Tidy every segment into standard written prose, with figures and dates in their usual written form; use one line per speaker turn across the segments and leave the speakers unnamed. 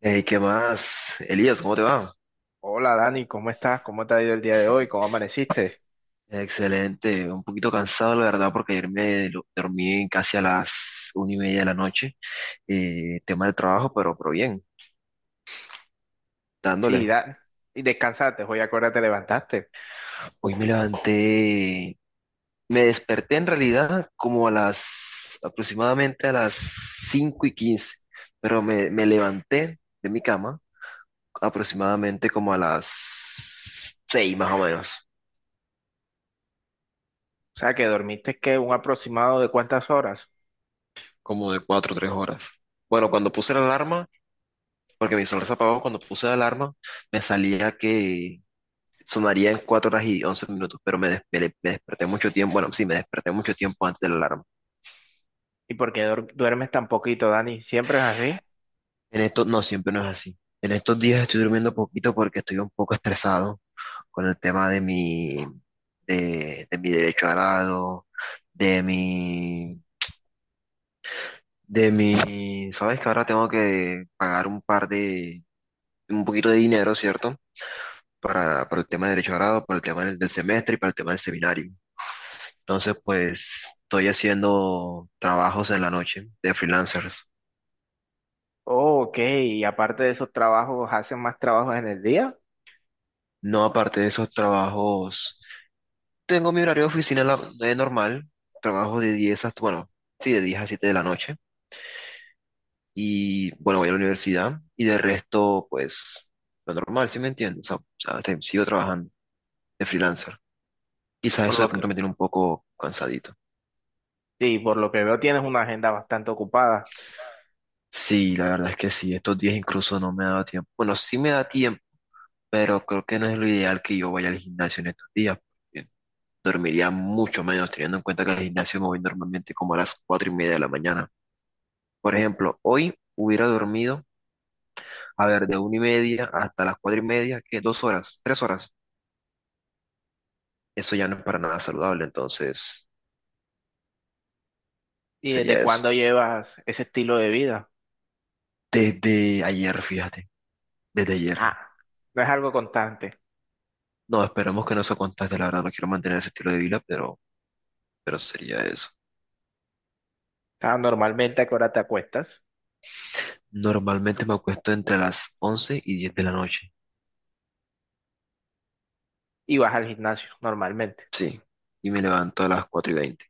Hey, ¿qué más? Elías, ¿cómo te va?
Hola Dani, ¿cómo estás? ¿Cómo te ha ido el día de hoy? ¿Cómo amaneciste?
Excelente, un poquito cansado la verdad, porque ayer dormí casi a las una y media de la noche, tema de trabajo, pero bien,
Sí,
dándole.
y descansaste, hoy a qué hora te levantaste.
Hoy me levanté, me desperté en realidad como a las aproximadamente a las 5 y 15, pero me levanté de mi cama aproximadamente como a las seis, más o menos,
O sea, que dormiste, ¿qué? ¿Un aproximado de cuántas horas?
como de cuatro o 3 horas. Bueno, cuando puse la alarma. Porque mi sonrisa apagó cuando puse la alarma, me salía que sonaría en 4 horas y 11 minutos, pero me desperté mucho tiempo, bueno, sí, me desperté mucho tiempo antes de la alarma.
¿Y por qué duermes tan poquito, Dani? ¿Siempre es así?
En esto no, siempre no es así. En estos días estoy durmiendo poquito porque estoy un poco estresado con el tema de mi, de mi derecho a grado, de mi, sabes que ahora tengo que pagar un poquito de dinero, ¿cierto? para el tema de derecho a grado, para el tema del semestre y para el tema del seminario. Entonces, pues estoy haciendo trabajos en la noche de freelancers.
Oh, ok, y aparte de esos trabajos, ¿haces más trabajos en el día?
No, aparte de esos trabajos, tengo mi horario de oficina normal, trabajo bueno, sí, de 10 a 7 de la noche. Y bueno, voy a la universidad y de resto, pues lo normal, ¿sí me entiendes? O sea, sigo trabajando de freelancer. Quizás
Por
eso de
lo que,
pronto me tiene un poco cansadito.
sí, por lo que veo tienes una agenda bastante ocupada.
Sí, la verdad es que sí, estos días incluso no me ha dado tiempo. Bueno, sí me da tiempo, pero creo que no es lo ideal que yo vaya al gimnasio en estos días, dormiría mucho menos, teniendo en cuenta que al gimnasio me voy normalmente como a las cuatro y media de la mañana. Por ejemplo, hoy hubiera dormido, a ver, de una y media hasta las cuatro y media, que dos horas, tres horas. Eso ya no es para nada saludable, entonces
¿Y desde
sería eso.
cuándo llevas ese estilo de vida?
Desde ayer, fíjate, desde ayer.
Ah, no es algo constante.
No, esperemos que no se contagie, la verdad, no quiero mantener ese estilo de vida, pero sería eso.
Ah, normalmente, ¿a qué hora te acuestas?
Normalmente me acuesto entre las 11 y 10 de la noche.
Y vas al gimnasio, normalmente.
Sí, y me levanto a las 4 y veinte.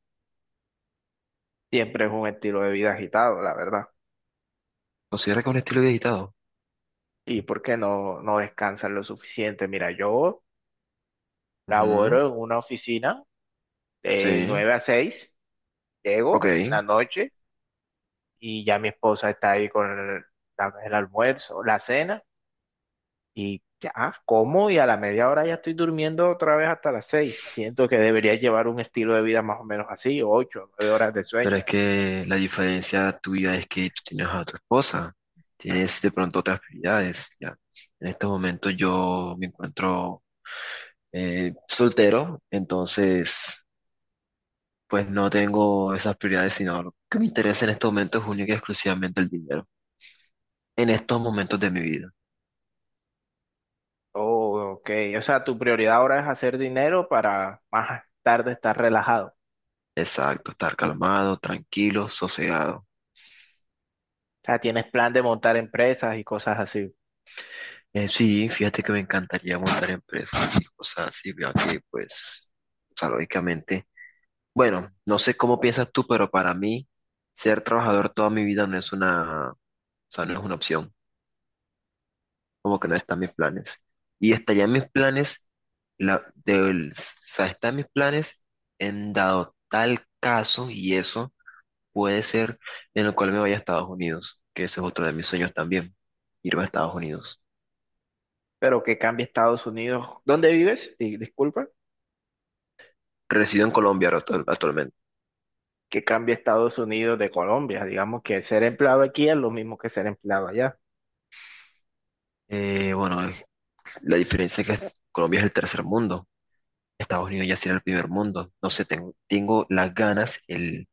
Siempre es un estilo de vida agitado, la verdad.
¿Considera que es un estilo de agitado?
¿Y por qué no, no descansan lo suficiente? Mira, yo
Ujú.
laboro en una oficina de
Sí,
9 a 6. Llego en la
ok.
noche y ya mi esposa está ahí con el almuerzo, la cena y ya como y a la media hora ya estoy durmiendo otra vez hasta las 6. Siento que debería llevar un estilo de vida más o menos así, 8 9 horas de sueño.
Pero es que la diferencia tuya es que tú tienes a tu esposa, tienes de pronto otras prioridades, ya. En este momento yo me encuentro, soltero, entonces pues no tengo esas prioridades, sino lo que me interesa en este momento es única y exclusivamente el dinero. En estos momentos de mi vida.
Oh, ok. O sea, tu prioridad ahora es hacer dinero para más tarde estar relajado.
Exacto, estar calmado, tranquilo, sosegado.
O sea, tienes plan de montar empresas y cosas así.
Sí, fíjate que me encantaría montar empresas y cosas así, veo que pues, o sea, lógicamente. Bueno, no sé cómo piensas tú, pero para mí ser trabajador toda mi vida no es una, o sea, no es una opción, como que no están mis planes. Y está ya en mis planes, o sea, está en mis planes, en dado tal caso, y eso puede ser en el cual me vaya a Estados Unidos, que ese es otro de mis sueños también, irme a Estados Unidos.
Pero que cambie Estados Unidos. ¿Dónde vives? Disculpa.
Resido en Colombia ahora actualmente.
Que cambie Estados Unidos de Colombia. Digamos que ser empleado aquí es lo mismo que ser empleado allá.
Bueno, la diferencia es que Colombia es el tercer mundo. Estados Unidos ya será el primer mundo. No sé, tengo las ganas, el,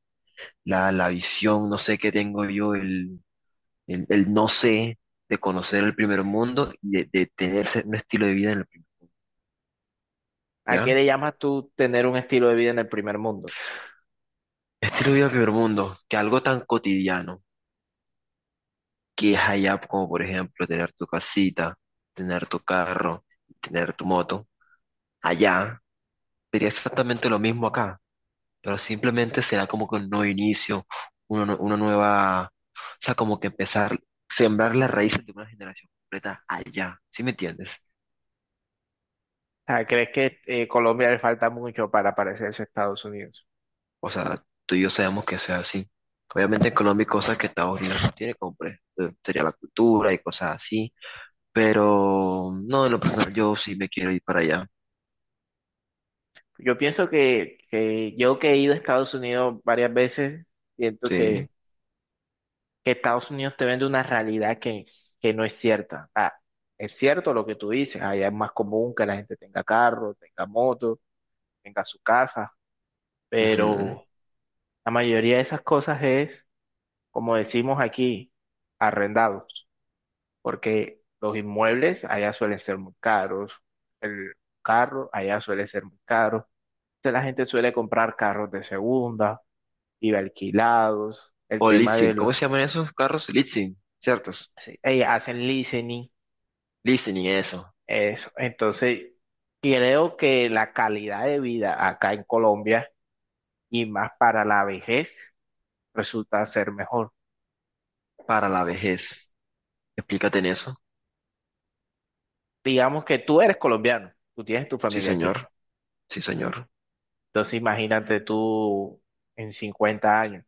la, la visión, no sé qué tengo yo, el no sé, de conocer el primer mundo y de tener un estilo de vida
¿A qué
¿ya?
le llamas tú tener un estilo de vida en el primer mundo? O
Estilo de vida del primer mundo, que algo tan cotidiano que es allá, como por ejemplo tener tu casita, tener tu carro, tener tu moto, allá sería exactamente lo mismo acá. Pero simplemente será como que un nuevo inicio, una nueva, o sea, como que empezar, sembrar las raíces de una generación completa allá, ¿sí me entiendes?
sea, ¿crees que Colombia le falta mucho para parecerse a Estados Unidos?
O sea, tú y yo sabemos que sea así. Obviamente en Colombia hay cosas que Estados Unidos no tiene, como por ejemplo, sería la cultura y cosas así, pero no, en lo personal yo sí me quiero ir para allá,
Yo pienso que yo que he ido a Estados Unidos varias veces, siento que
sí.
Estados Unidos te vende una realidad que no es cierta. Ah, es cierto lo que tú dices, allá es más común que la gente tenga carro, tenga moto, tenga su casa,
Ujú.
pero la mayoría de esas cosas es, como decimos aquí, arrendados, porque los inmuebles allá suelen ser muy caros, el carro allá suele ser muy caro, entonces la gente suele comprar carros de segunda y alquilados, el
O
tema
leasing,
del...
¿cómo se llaman esos carros? Leasing, ¿ciertos?
hacen leasing.
Leasing y eso,
Eso. Entonces, creo que la calidad de vida acá en Colombia y más para la vejez resulta ser mejor.
para la
O s-
vejez. Explícate en eso.
digamos que tú eres colombiano, tú tienes tu
Sí,
familia
señor.
aquí.
Sí, señor.
Entonces, imagínate tú en 50 años.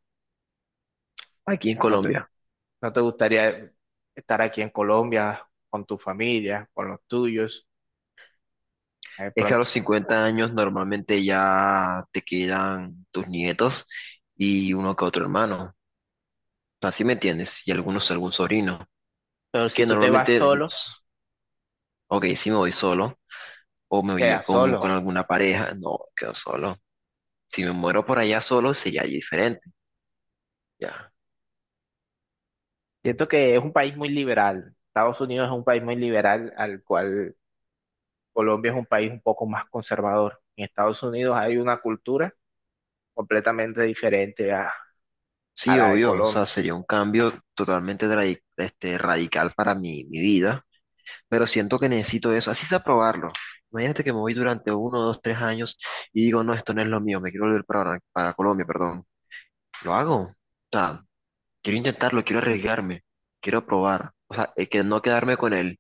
Aquí en
¿No te,
Colombia.
no te gustaría estar aquí en Colombia con tu familia, con los tuyos, de
Es que a
pronto?
los 50 años normalmente ya te quedan tus nietos y uno que otro hermano. Así me entiendes. Y algunos, algún sobrino.
Pero si
Que
tú te vas
normalmente,
solo,
ok, si me voy solo o me voy ya
quedas
con
solo.
alguna pareja, no, quedo solo. Si me muero por allá solo, sería ya diferente. Ya.
Siento que es un país muy liberal. Estados Unidos es un país muy liberal al cual Colombia es un país un poco más conservador. En Estados Unidos hay una cultura completamente diferente a
Sí,
la de
obvio. O sea,
Colombia.
sería un cambio totalmente radical para mi vida. Pero siento que necesito eso, así sea probarlo. Imagínate que me voy durante uno, dos, tres años y digo, no, esto no es lo mío, me quiero volver para, Colombia, perdón. Lo hago. O sea, quiero intentarlo, quiero arriesgarme, quiero probar. O sea, es que no quedarme con él.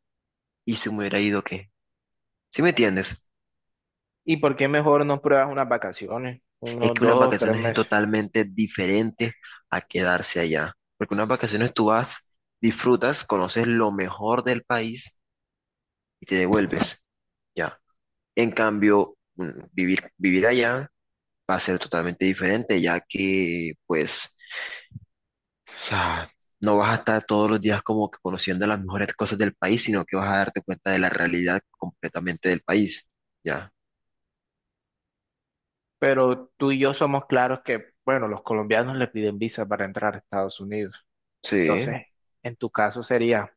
¿Y si me hubiera ido qué? ¿Sí me entiendes?
¿Y por qué mejor no pruebas unas vacaciones?
Es
Unos
que unas
dos o tres
vacaciones es
meses.
totalmente diferente a quedarse allá. Porque unas vacaciones tú vas, disfrutas, conoces lo mejor del país y te devuelves. Ya. En cambio, vivir allá. Va a ser totalmente diferente, ya que, pues, o sea, no vas a estar todos los días como que conociendo las mejores cosas del país, sino que vas a darte cuenta de la realidad completamente del país, ¿ya?
Pero tú y yo somos claros que, bueno, los colombianos le piden visa para entrar a Estados Unidos.
Sí,
Entonces, en tu caso sería,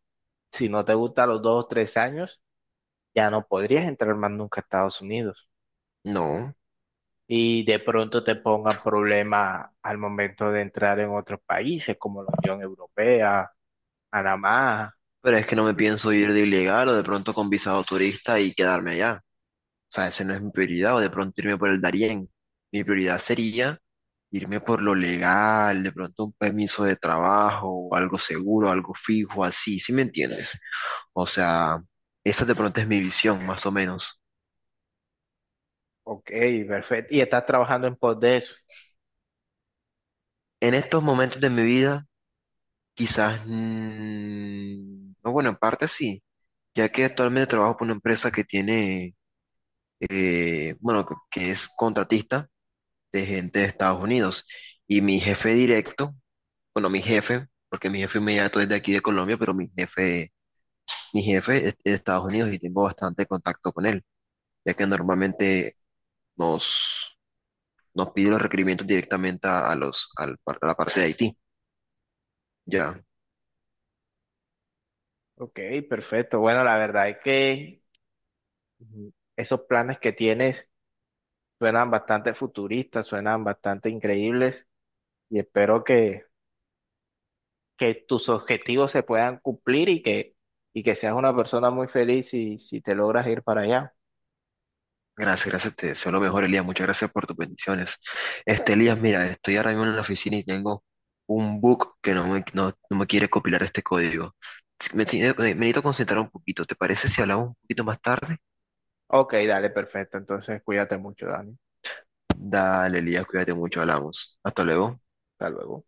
si no te gusta los 2 o 3 años, ya no podrías entrar más nunca a Estados Unidos.
no,
Y de pronto te pongan problema al momento de entrar en otros países como la Unión Europea Panamá,
pero es que no me pienso ir de ilegal o de pronto con visado turista y quedarme allá. O sea, esa no es mi prioridad, o de pronto irme por el Darién. Mi prioridad sería irme por lo legal, de pronto un permiso de trabajo, algo seguro, algo fijo, así, ¿sí me entiendes? O sea, esa de pronto es mi visión, más o menos.
ok, perfecto. Y estás trabajando en pos de eso.
En estos momentos de mi vida, quizás, no, bueno, en parte sí, ya que actualmente trabajo por una empresa que tiene, bueno, que es contratista de gente de Estados Unidos. Y mi jefe directo, bueno, mi jefe, porque mi jefe inmediato es de aquí de Colombia, pero mi jefe es de Estados Unidos, y tengo bastante contacto con él, ya que normalmente nos nos pide los requerimientos directamente a la parte de Haití. Ya,
Ok, perfecto. Bueno, la verdad es que ujú, esos planes que tienes suenan bastante futuristas, suenan bastante increíbles y espero que, tus objetivos se puedan cumplir y que, seas una persona muy feliz si, si te logras ir para allá.
gracias, gracias, te deseo lo mejor, Elías. Muchas gracias por tus bendiciones. Elías, mira, estoy ahora mismo en la oficina y tengo un bug que no me quiere compilar este código. Me necesito concentrar un poquito. ¿Te parece si hablamos un poquito más tarde?
Ok, dale, perfecto. Entonces, cuídate mucho, Dani.
Dale, Elías, cuídate mucho, hablamos. Hasta luego.
Hasta luego.